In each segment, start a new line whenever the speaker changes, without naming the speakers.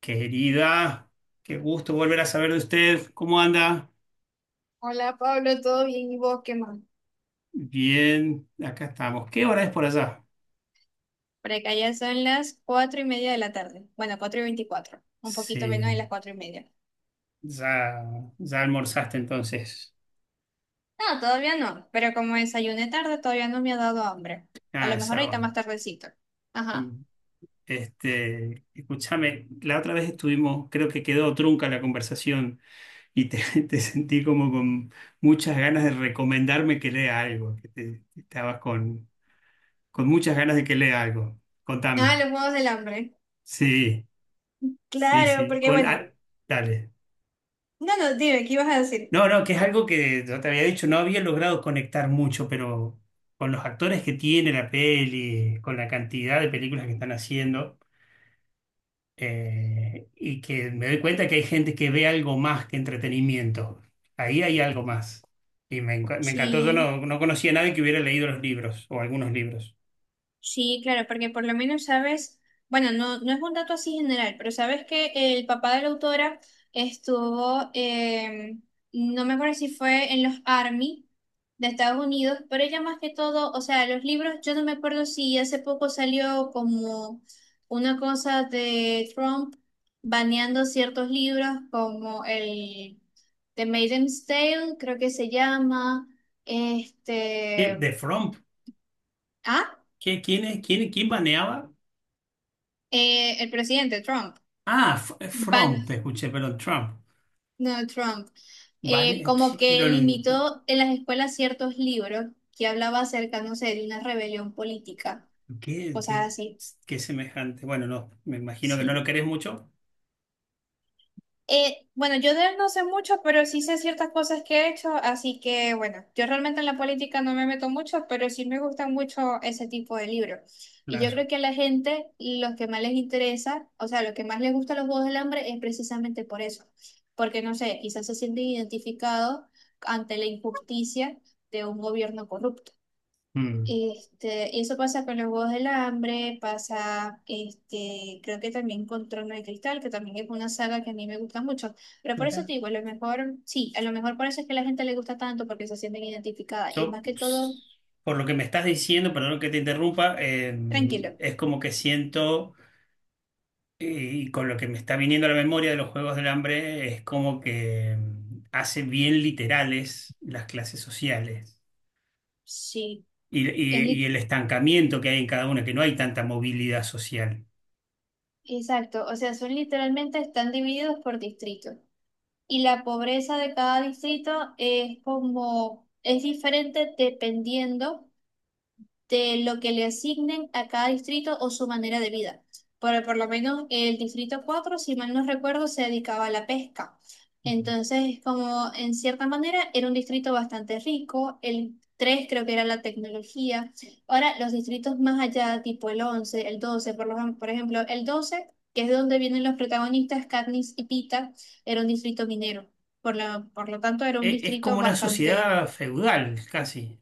Querida, qué gusto volver a saber de usted. ¿Cómo anda?
Hola Pablo, ¿todo bien? ¿Y vos qué más?
Bien, acá estamos. ¿Qué hora es por allá?
Por acá ya son las 4:30 de la tarde. Bueno, 4:24. Un poquito menos de
Sí,
las 4:30.
ya, ya almorzaste entonces.
No, todavía no. Pero como desayuné tarde, todavía no me ha dado hambre. A
Ah,
lo
es
mejor ahorita más
sábado.
tardecito. Ajá.
Mm. Escúchame, la otra vez estuvimos, creo que quedó trunca la conversación y te sentí como con muchas ganas de recomendarme que lea algo, estabas con muchas ganas de que lea algo.
Ah,
Contame.
los Juegos del Hambre.
Sí, sí,
Claro,
sí.
porque bueno.
Dale.
No, no, dime, ¿qué ibas a decir?
No, no, que es algo que yo te había dicho, no había logrado conectar mucho, pero con los actores que tiene la peli, con la cantidad de películas que están haciendo, y que me doy cuenta que hay gente que ve algo más que entretenimiento. Ahí hay algo más. Y me encantó, yo
Sí.
no, no conocía a nadie que hubiera leído los libros o algunos libros.
Sí, claro, porque por lo menos sabes, bueno, no, no es un dato así general, pero sabes que el papá de la autora estuvo, no me acuerdo si fue en los Army de Estados Unidos, pero ella más que todo, o sea, los libros, yo no me acuerdo si hace poco salió como una cosa de Trump baneando ciertos libros como el The Maiden's Tale, creo que se llama,
¿Qué?
este,
¿De Fromp?
ah,
¿Qué? ¿Quién es? ¿Quién, quién baneaba?
el presidente Trump.
Ah,
Van,
Fromp, te escuché, perdón, Trump.
no, Trump,
Bane-
como
¿qué,
que
pero, no?
limitó en las escuelas ciertos libros que hablaba acerca, no sé, de una rebelión política,
Qué,
cosas
qué-
así.
qué semejante. Bueno, no, me imagino que no lo
Sí.
querés mucho.
Bueno, yo de él no sé mucho, pero sí sé ciertas cosas que he hecho, así que bueno, yo realmente en la política no me meto mucho, pero sí me gustan mucho ese tipo de libros. Y yo
Claro.
creo que a la gente lo que más les interesa, o sea, lo que más les gusta a los Juegos del Hambre es precisamente por eso, porque no sé, quizás se sienten identificados ante la injusticia de un gobierno corrupto.
Mm.
Este, y eso pasa con los Juegos del Hambre, pasa, este, creo que también con Trono de Cristal, que también es una saga que a mí me gusta mucho. Pero por eso
Mira.
te digo, a lo mejor, sí, a lo mejor por eso es que a la gente le gusta tanto, porque se sienten identificadas. Y es más que todo,
Por lo que me estás diciendo, perdón que te interrumpa,
tranquilo.
es como que siento, eh, y con lo que me está viniendo a la memoria de los Juegos del Hambre, es como que mm, hace bien literales las clases sociales
Sí,
y,
es
y- y-
li-
el estancamiento que hay en cada una, que no hay tanta movilidad social.
exacto. O sea, son literalmente, están divididos por distritos. Y la pobreza de cada distrito es como, es diferente dependiendo de lo que le asignen a cada distrito o su manera de vida. Pero por lo menos el distrito 4, si mal no recuerdo, se dedicaba a la pesca.
Mm.
Entonces, como en cierta manera era un distrito bastante rico, el 3 creo que era la tecnología. Ahora, los distritos más allá, tipo el 11, el 12, por ejemplo, el 12 que es de donde vienen los protagonistas, Katniss y Pita, era un distrito minero. Por lo tanto, era un
Es
distrito
como una
bastante,
sociedad feudal, casi.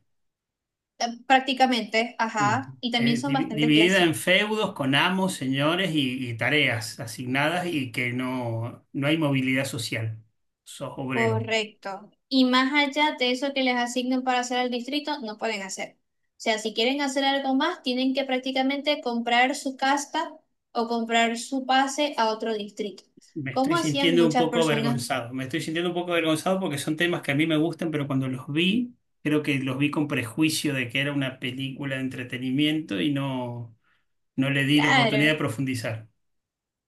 prácticamente,
Mm.
ajá, y también son bastante
Dividida en
clasistas.
feudos con amos, señores y tareas asignadas y que no hay movilidad social. Sos obrero.
Correcto. Y más allá de eso que les asignen para hacer al distrito, no pueden hacer. O sea, si quieren hacer algo más, tienen que prácticamente comprar su casta o comprar su pase a otro distrito.
Me estoy
¿Como hacían
sintiendo un
muchas
poco
personas?
avergonzado. Me estoy sintiendo un poco avergonzado porque son temas que a mí me gustan, pero cuando los vi, creo que los vi con prejuicio de que era una película de entretenimiento y no le di la oportunidad
Claro.
de profundizar.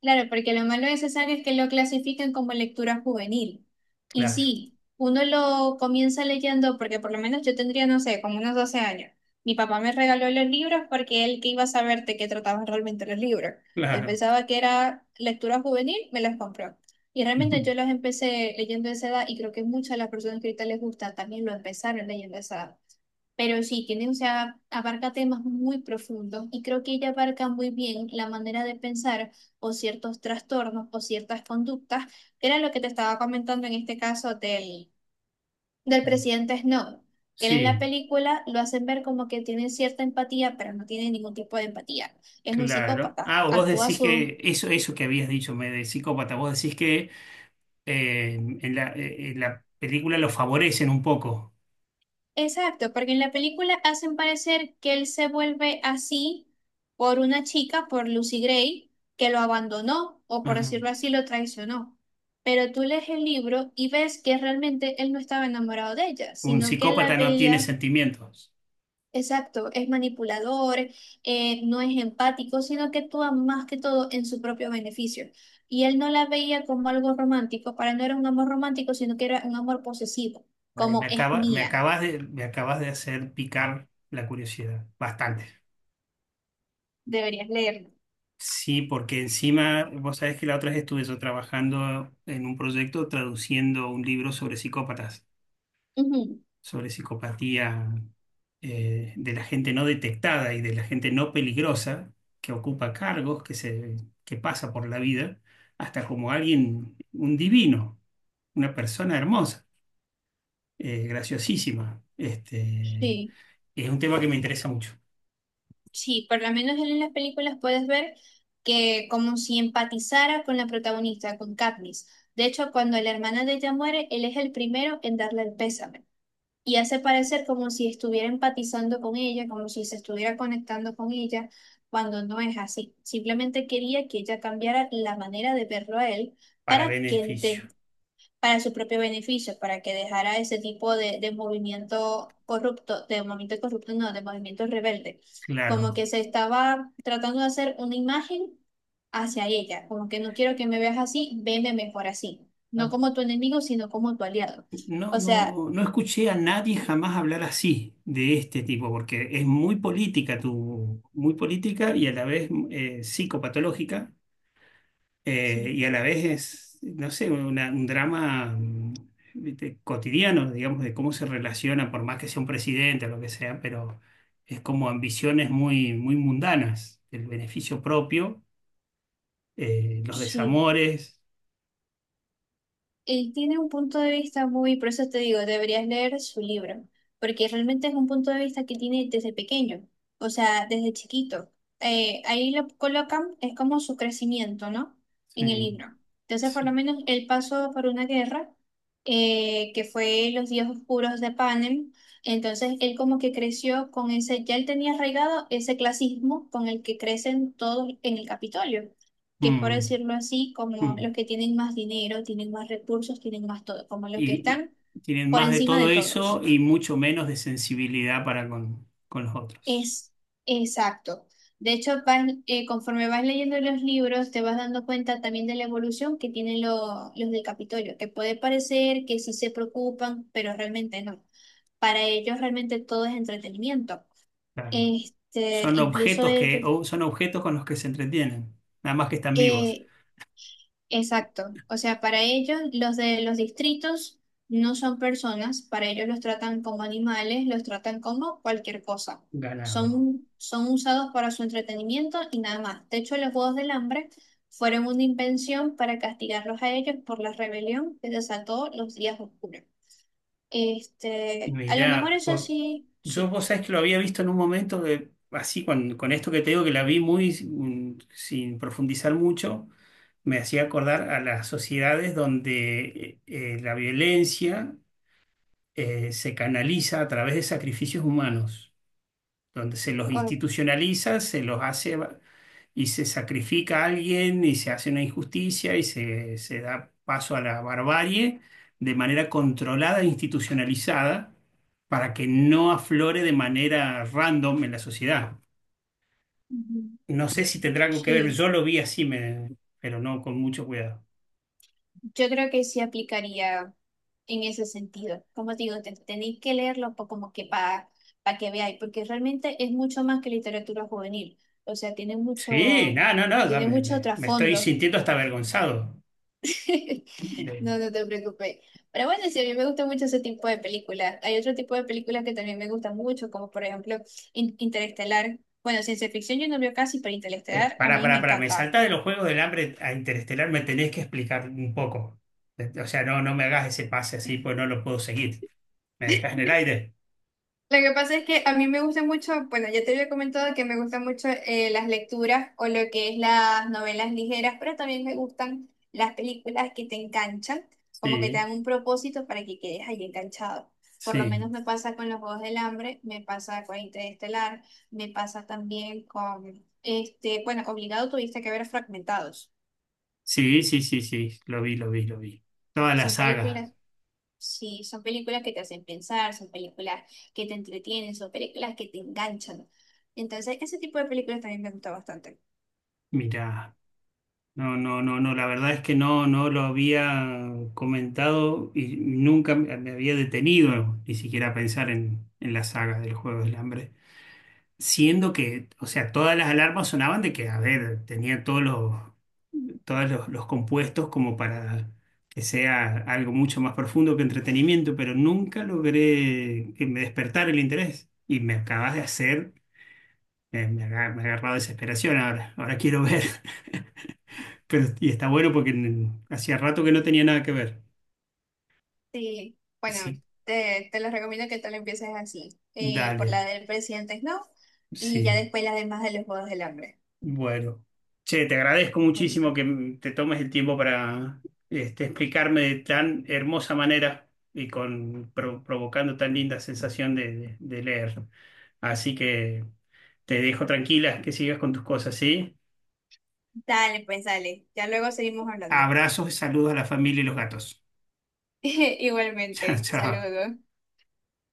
Claro, porque lo malo de César es que lo clasifican como lectura juvenil. Y
Claro,
sí, uno lo comienza leyendo porque por lo menos yo tendría, no sé, como unos 12 años. Mi papá me regaló los libros porque él que iba a saber de qué trataban realmente los libros. Él
claro.
pensaba que era lectura juvenil, me los compró. Y realmente yo los empecé leyendo a esa edad y creo que muchas de las personas que ahorita les gusta también lo empezaron leyendo a esa edad. Pero sí, tiene, o sea, abarca temas muy profundos y creo que ella abarca muy bien la manera de pensar o ciertos trastornos o ciertas conductas, que era lo que te estaba comentando en este caso del presidente Snow, que él en la
Sí,
película lo hacen ver como que tiene cierta empatía, pero no tiene ningún tipo de empatía. Es un
claro.
psicópata,
Ah, vos
actúa a
decís
su.
que eso que habías dicho, me de psicópata, vos decís que en la película lo favorecen un poco.
Exacto, porque en la película hacen parecer que él se vuelve así por una chica, por Lucy Gray, que lo abandonó o por
Ajá.
decirlo así, lo traicionó. Pero tú lees el libro y ves que realmente él no estaba enamorado de ella,
Un
sino que él la
psicópata no tiene
veía,
sentimientos.
exacto, es manipulador, no es empático, sino que actúa más que todo en su propio beneficio. Y él no la veía como algo romántico, para él no era un amor romántico, sino que era un amor posesivo,
Ay,
como es mía.
me acabas de hacer picar la curiosidad, bastante.
Deberías leerlo.
Sí, porque encima, vos sabés que la otra vez estuve yo trabajando en un proyecto traduciendo un libro sobre psicópatas,
Ujú,
sobre psicopatía, de la gente no detectada y de la gente no peligrosa que ocupa cargos, que pasa por la vida, hasta como alguien, un divino, una persona hermosa, graciosísima.
sí,
Es un tema que me interesa mucho,
sí, por lo menos en las películas puedes ver que como si empatizara con la protagonista, con Katniss. De hecho, cuando la hermana de ella muere, él es el primero en darle el pésame y hace parecer como si estuviera empatizando con ella, como si se estuviera conectando con ella, cuando no es así. Simplemente quería que ella cambiara la manera de verlo a él
para
para que
beneficio,
para su propio beneficio, para que dejara ese tipo de movimiento corrupto, de movimiento corrupto, no, de movimiento rebelde, como que
claro.
se estaba tratando de hacer una imagen hacia ella, como que no quiero que me veas así, veme mejor así, no
Ah,
como tu enemigo, sino como tu aliado.
no,
O sea,
no, no escuché a nadie jamás hablar así de este tipo, porque es muy política, tu, muy política y a la vez psicopatológica,
sí,
y a la vez es, no sé, un drama mm, viste, cotidiano, digamos, de cómo se relaciona, por más que sea un presidente o lo que sea, pero es como ambiciones muy mundanas, el beneficio propio, los
sí.
desamores.
Él tiene un punto de vista muy, por eso te digo, deberías leer su libro, porque realmente es un punto de vista que tiene desde pequeño, o sea, desde chiquito. Ahí lo colocan, es como su crecimiento, ¿no? En el
Sí,
libro. Entonces, por lo
sí.
menos él pasó por una guerra, que fue los días oscuros de Panem. Entonces, él como que creció con ese, ya él tenía arraigado ese clasismo con el que crecen todos en el Capitolio, que es por
Mm,
decirlo así, como
mm.
los que tienen más dinero, tienen más recursos, tienen más todo, como los que
Y,
están
y tienen
por
más de
encima
todo
de
eso
todos.
y mucho menos de sensibilidad para con los otros.
Es Exacto. De hecho, conforme vas leyendo los libros, te vas dando cuenta también de la evolución que tienen los del Capitolio, que puede parecer que sí se preocupan, pero realmente no. Para ellos realmente todo es entretenimiento.
Claro.
Este,
Son
incluso
objetos que,
ellos,
o- son objetos con los que se entretienen, nada más que están vivos.
eh, exacto. O sea, para ellos los de los distritos no son personas, para ellos los tratan como animales, los tratan como cualquier cosa.
Ganado.
Son usados para su entretenimiento y nada más. De hecho, los Juegos del Hambre fueron una invención para castigarlos a ellos por la rebelión que desató los días oscuros. Este, a lo mejor
Mirá,
eso
por...
sí,
yo
sí.
vos sabés que lo había visto en un momento de, así con esto que te digo que la vi muy sin sin profundizar mucho, me hacía acordar a las sociedades donde la violencia se canaliza a través de sacrificios humanos, donde se los
Con-
institucionaliza, se los hace y se sacrifica a alguien y se hace una injusticia y se da paso a la barbarie de manera controlada e institucionalizada para que no aflore de manera random en la sociedad.
Ujú.
No sé si tendrá algo que ver,
Sí.
yo lo vi así, me- pero no con mucho cuidado.
Yo creo que sí aplicaría en ese sentido. Como digo, tenéis que leerlo como que para que veáis, porque realmente es mucho más que literatura juvenil. O sea,
Sí, no, no, no, ya
tiene mucho
me estoy
trasfondo.
sintiendo hasta avergonzado.
No, no te preocupes. Pero bueno, sí, a mí me gusta mucho ese tipo de películas. Hay otro tipo de películas que también me gustan mucho, como por ejemplo Interestelar. Bueno, ciencia ficción yo no veo casi, pero Interestelar a
Para,
mí me
para, me
encanta.
salta de los Juegos del Hambre a Interestelar, me tenés que explicar un poco. O sea, no, no me hagas ese pase así, pues no lo puedo seguir. ¿Me dejas en el aire?
Lo que pasa es que a mí me gusta mucho, bueno, ya te había comentado que me gustan mucho las lecturas o lo que es las novelas ligeras, pero también me gustan las películas que te enganchan, como que te
Sí,
dan un propósito para que quedes ahí enganchado. Por lo menos
sí,
me pasa con los Juegos del Hambre, me pasa con Interestelar, me pasa también con, este, bueno, obligado tuviste que ver Fragmentados.
sí, sí, sí, sí, lo vi, lo vi, lo vi. Toda la
Son
saga,
películas Sí, son películas que te hacen pensar, son películas que te entretienen, son películas que te enganchan. Entonces, ese tipo de películas también me gusta bastante.
mirá. No, no, no, no, la verdad es que no, no lo había comentado y nunca me había detenido ni siquiera a pensar en la saga del Juego del Hambre, siendo que, o sea, todas las alarmas sonaban de que, a ver, tenía todos los, todos los compuestos como para que sea algo mucho más profundo que entretenimiento, pero nunca logré que me despertara el interés. Y me acabas de hacer, me ha agarrado desesperación ahora, ahora quiero ver. Pero, y está bueno porque n- hacía rato que no tenía nada que ver.
Sí,
Y
bueno,
sí,
te los recomiendo que tú lo empieces así, por
dale,
la del presidente Snow y ya
sí.
después las demás de los Juegos del Hambre.
Bueno, che, te agradezco
Bueno,
muchísimo que m- te tomes el tiempo para explicarme de tan hermosa manera y provocando tan linda sensación de, de leer. Así que te dejo tranquila, que sigas con tus cosas, ¿sí?
dale, pues dale, ya luego seguimos hablando.
Abrazos y saludos a la familia y los gatos. Chao,
Igualmente,
chao.
saludos.